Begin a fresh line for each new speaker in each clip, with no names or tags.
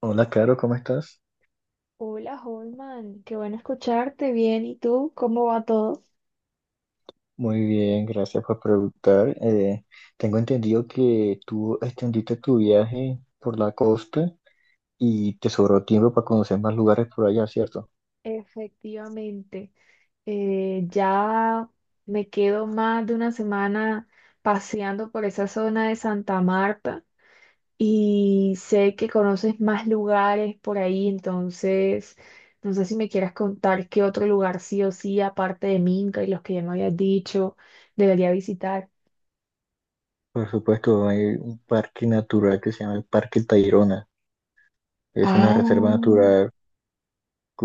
Hola, Caro, ¿cómo estás?
Hola, Holman, qué bueno escucharte bien. ¿Y tú? ¿Cómo va todo?
Muy bien, gracias por preguntar. Tengo entendido que tú extendiste tu viaje por la costa y te sobró tiempo para conocer más lugares por allá, ¿cierto?
Efectivamente, ya me quedo más de una semana paseando por esa zona de Santa Marta y sé que conoces más lugares por ahí, entonces no sé si me quieras contar qué otro lugar sí o sí, aparte de Minca y los que ya me habías dicho, debería visitar.
Por supuesto, hay un parque natural que se llama el Parque Tayrona. Es una
Ah,
reserva natural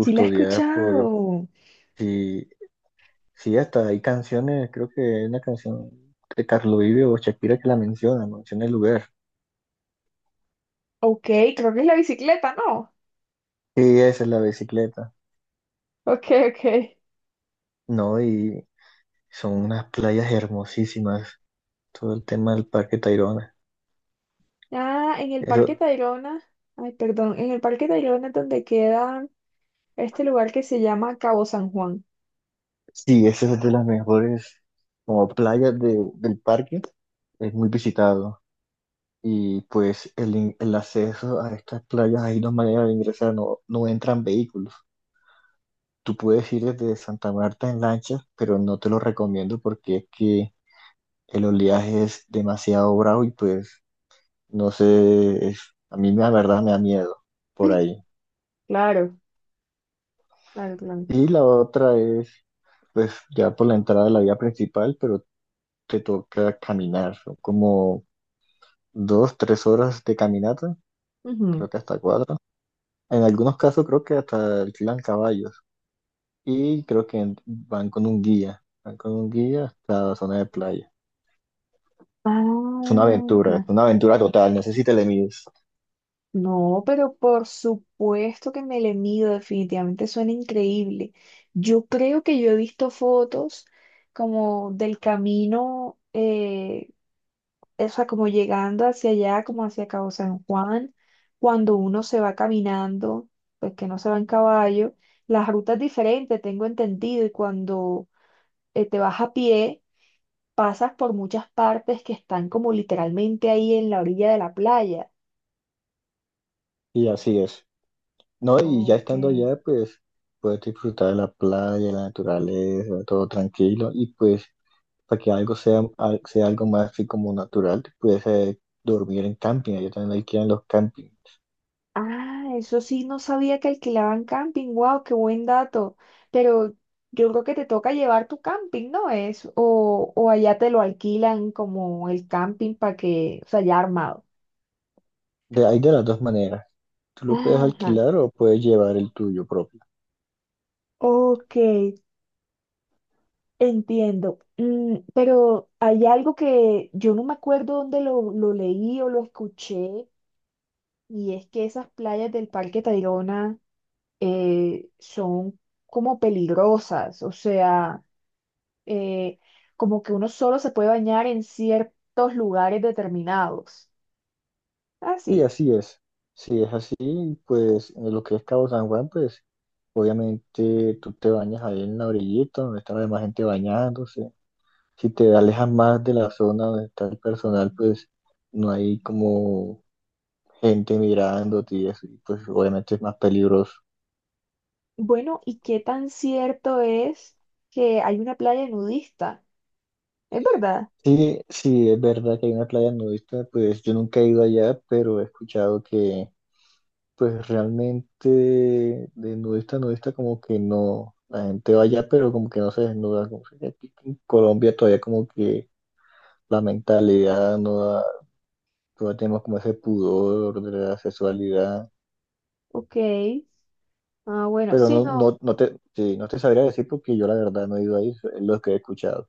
sí la he
por...
escuchado.
Sí, sí, hasta hay canciones, creo que hay una canción de Carlos Vives o Shakira que la menciona, menciona el lugar.
Ok, creo que es la bicicleta, ¿no?
Sí, esa es la bicicleta.
Ok, ok.
No, y son unas playas hermosísimas. Todo el tema del Parque Tayrona.
Ah, en el Parque
Eso,
Tayrona, ay, perdón, en el Parque Tayrona es donde queda este lugar que se llama Cabo San Juan.
sí, esa es de las mejores como playas del parque. Es muy visitado. Y pues el acceso a estas playas, hay dos maneras de ingresar, no, no entran vehículos. Tú puedes ir desde Santa Marta en lancha, pero no te lo recomiendo porque es que el oleaje es demasiado bravo y pues no sé, a mí la verdad me da miedo por ahí.
Claro, claro, claro.
Y la otra es pues ya por la entrada de la vía principal, pero te toca caminar, son como dos, tres horas de caminata,
Ujú.
creo que hasta cuatro. En algunos casos creo que hasta alquilan caballos y creo que van con un guía, van con un guía hasta la zona de playa.
Ah,
Es
ah.
una aventura total, no sé si te le mides.
No, pero por supuesto que me le mido, definitivamente suena increíble. Yo creo que yo he visto fotos como del camino, O sea, como llegando hacia allá, como hacia Cabo San Juan, cuando uno se va caminando, pues que no se va en caballo, las rutas diferentes, tengo entendido, y cuando te vas a pie, pasas por muchas partes que están como literalmente ahí en la orilla de la playa.
Y así es. No, y ya
Ok.
estando allá, pues puedes disfrutar de la playa, la naturaleza, todo tranquilo y pues para que algo sea, sea algo más así como natural, te pudiese dormir en camping, ellos también alquilan los campings.
Ah, eso sí, no sabía que alquilaban camping. Wow, qué buen dato. Pero yo creo que te toca llevar tu camping, ¿no es? O allá te lo alquilan como el camping para que, o sea, ya armado.
De, hay de las dos maneras, tú lo puedes
Ajá.
alquilar o puedes llevar el tuyo propio.
Ok, entiendo. Mm, pero hay algo que yo no me acuerdo dónde lo leí o lo escuché, y es que esas playas del Parque Tayrona son como peligrosas, o sea. eh, como que uno solo se puede bañar en ciertos lugares determinados.
Y
Así.
así es. Si es así, pues en lo que es Cabo San Juan, pues obviamente tú te bañas ahí en la orillita donde está la demás gente bañándose. Si te alejas más de la zona donde está el personal, pues no hay como gente mirándote y eso, y pues obviamente es más peligroso.
Bueno, ¿y qué tan cierto es que hay una playa nudista? ¿Es verdad?
Sí, sí, es verdad que hay una playa nudista, pues yo nunca he ido allá, pero he escuchado que pues realmente de nudista a nudista como que no, la gente va allá, pero como que no se desnuda, como que aquí en Colombia todavía como que la mentalidad no da, todavía tenemos como ese pudor de la sexualidad,
Ok. Ah, bueno,
pero
sí,
no,
no.
no, no te, sí, no te sabría decir porque yo la verdad no he ido ahí, es lo que he escuchado,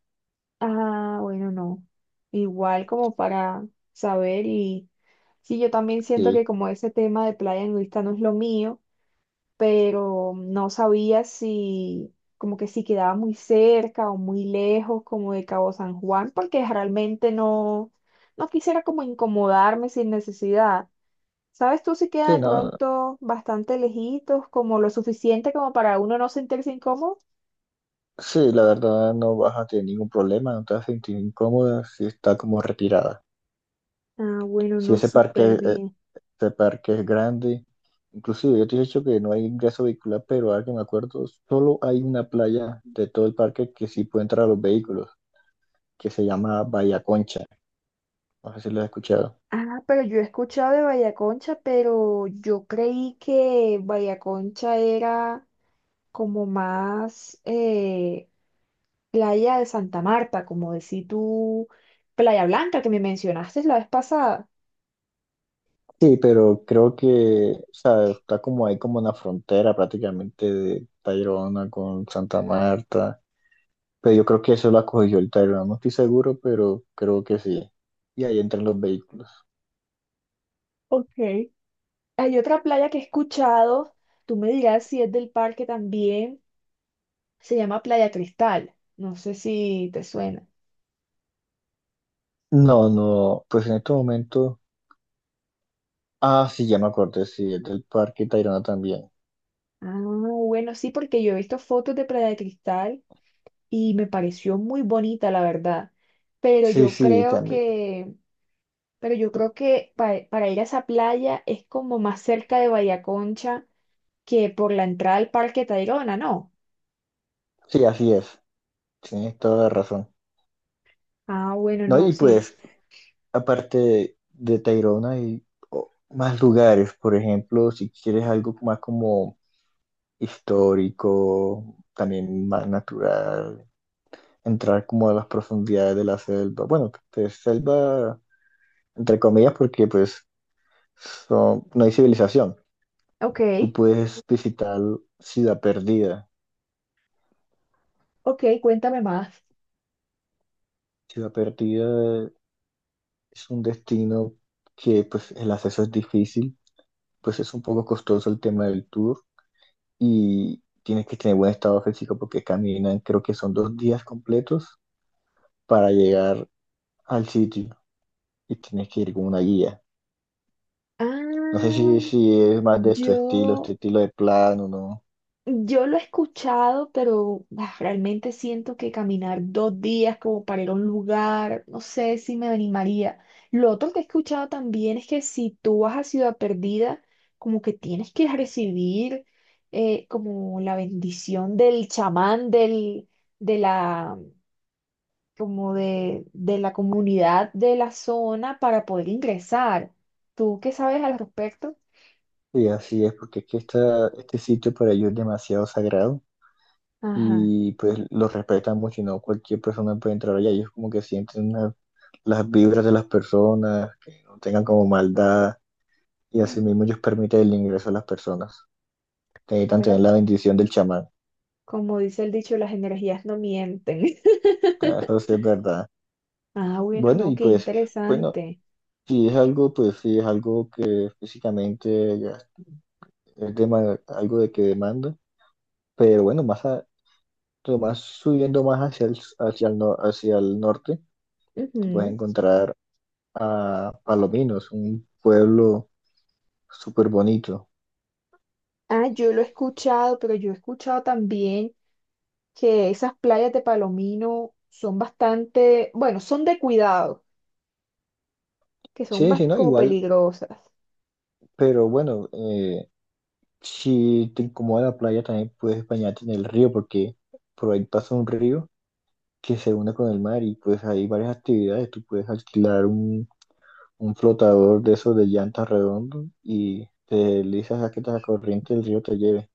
Ah, bueno, no. Igual como para saber y sí, yo también siento que
sí.
como ese tema de playa nudista no es lo mío. Pero no sabía si como que si quedaba muy cerca o muy lejos como de Cabo San Juan, porque realmente no, no quisiera como incomodarme sin necesidad. ¿Sabes tú si queda
Sí,
de
no,
pronto bastante lejitos, como lo suficiente como para uno no sentirse incómodo?
sí, la verdad no vas a tener ningún problema, no te vas a sentir incómoda si está como retirada.
Ah, bueno,
Si
no,
ese
súper
parque,
bien.
ese parque es grande, inclusive yo te he dicho que no hay ingreso vehicular, pero ahora que me acuerdo, solo hay una playa de todo el parque que sí puede entrar a los vehículos, que se llama Bahía Concha. No sé si lo has escuchado.
Ah, pero yo he escuchado de Vallaconcha, pero yo creí que Vallaconcha era como más, Playa de Santa Marta, como decís tú, Playa Blanca que me mencionaste la vez pasada.
Sí, pero creo que, o sea, está como ahí como una frontera prácticamente de Tayrona con Santa Marta. Pero yo creo que eso lo acogió el Tyrant, no estoy seguro, pero creo que sí. Y ahí entran los vehículos.
Ok. Hay otra playa que he escuchado, tú me dirás si es del parque también, se llama Playa Cristal. No sé si te suena.
No, no, pues en este momento. Ah, sí, ya me acordé, sí, es del parque Tayrona también.
Ah, bueno, sí, porque yo he visto fotos de Playa de Cristal y me pareció muy bonita, la verdad. Pero
Sí,
yo
sí,
creo
también.
que, pero yo creo que para ir a esa playa es como más cerca de Bahía Concha que por la entrada al Parque Tayrona, ¿no?
Sí, así es. Tienes toda la razón.
Ah, bueno,
No,
no,
y
sí.
pues, aparte de Tayrona, hay más lugares. Por ejemplo, si quieres algo más como histórico, también más natural, entrar como a las profundidades de la selva. Bueno, de selva entre comillas, porque pues no hay civilización.
Ok,
Tú puedes visitar Ciudad Perdida.
ok, cuéntame más.
Ciudad Perdida es un destino que pues el acceso es difícil, pues es un poco costoso el tema del tour y tienes que tener buen estado físico porque caminan, creo que son dos días completos para llegar al sitio y tienes que ir con una guía. No sé
Ah,
si, si es más de tu estilo,
yo,
este estilo de plano, ¿no?
yo lo he escuchado, pero ah, realmente siento que caminar 2 días como para ir a un lugar, no sé si me animaría. Lo otro que he escuchado también es que si tú vas a Ciudad Perdida, como que tienes que recibir como la bendición del chamán del, de la, como de la comunidad de la zona para poder ingresar. ¿Tú qué sabes al respecto?
Y así es, porque es que esta, este sitio para ellos es demasiado sagrado.
Ajá.
Y pues los respetan mucho y no cualquier persona puede entrar allá. Ellos como que sienten una- las vibras de las personas, que no tengan como maldad y así mismo
Mm,
ellos permiten el ingreso a las personas. Necesitan tener
bueno,
la bendición del chamán.
como dice el dicho, las energías no mienten.
Ah, eso sí es verdad.
Ah, bueno,
Bueno,
no,
y
qué
pues, bueno,
interesante.
si es algo, pues sí es algo que físicamente ya es algo de que demanda, pero bueno, más subiendo más hacia el, hacia el norte, te puedes
Ujú.
encontrar a Palominos, un pueblo súper bonito.
Ah, yo lo he escuchado, pero yo he escuchado también que esas playas de Palomino son bastante, bueno, son de cuidado, que son
Sí, sí, no,
como
igual,
peligrosas.
pero bueno, si te incomoda la playa también puedes bañarte en el río porque por ahí pasa un río que se une con el mar y pues hay varias actividades. Tú puedes alquilar un flotador de esos de llantas redondos y te deslizas a que la corriente del río te lleve.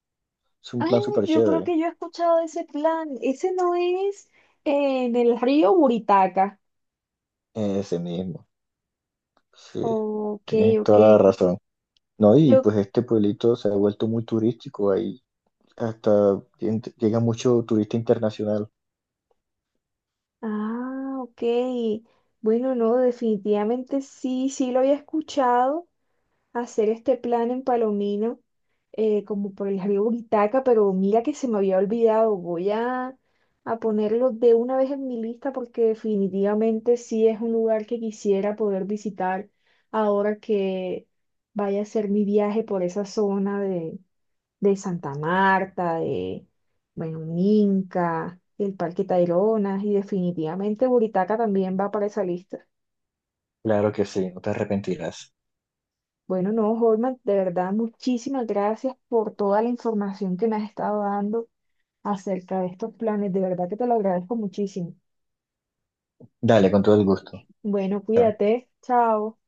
Es un
Ay,
plan súper
yo creo
chévere,
que yo he escuchado ese plan. Ese no es en el río Buritaca.
ese mismo. Sí,
Ok,
tienes
ok.
toda la razón. No, y
Yo,
pues este pueblito se ha vuelto muy turístico ahí. Hasta llega mucho turista internacional.
ok. Bueno, no, definitivamente sí, sí lo había escuchado. Hacer este plan en Palomino, como por el río Buritaca, pero mira que se me había olvidado. Voy a ponerlo de una vez en mi lista porque definitivamente sí es un lugar que quisiera poder visitar ahora que vaya a ser mi viaje por esa zona de Santa Marta, de, bueno, Minca, el Parque Taironas y definitivamente Buritaca también va para esa lista.
Claro que sí, no te arrepentirás.
Bueno, no, Holman, de verdad, muchísimas gracias por toda la información que me has estado dando acerca de estos planes. De verdad que te lo agradezco muchísimo.
Dale, con todo el gusto.
Bueno, cuídate. Chao.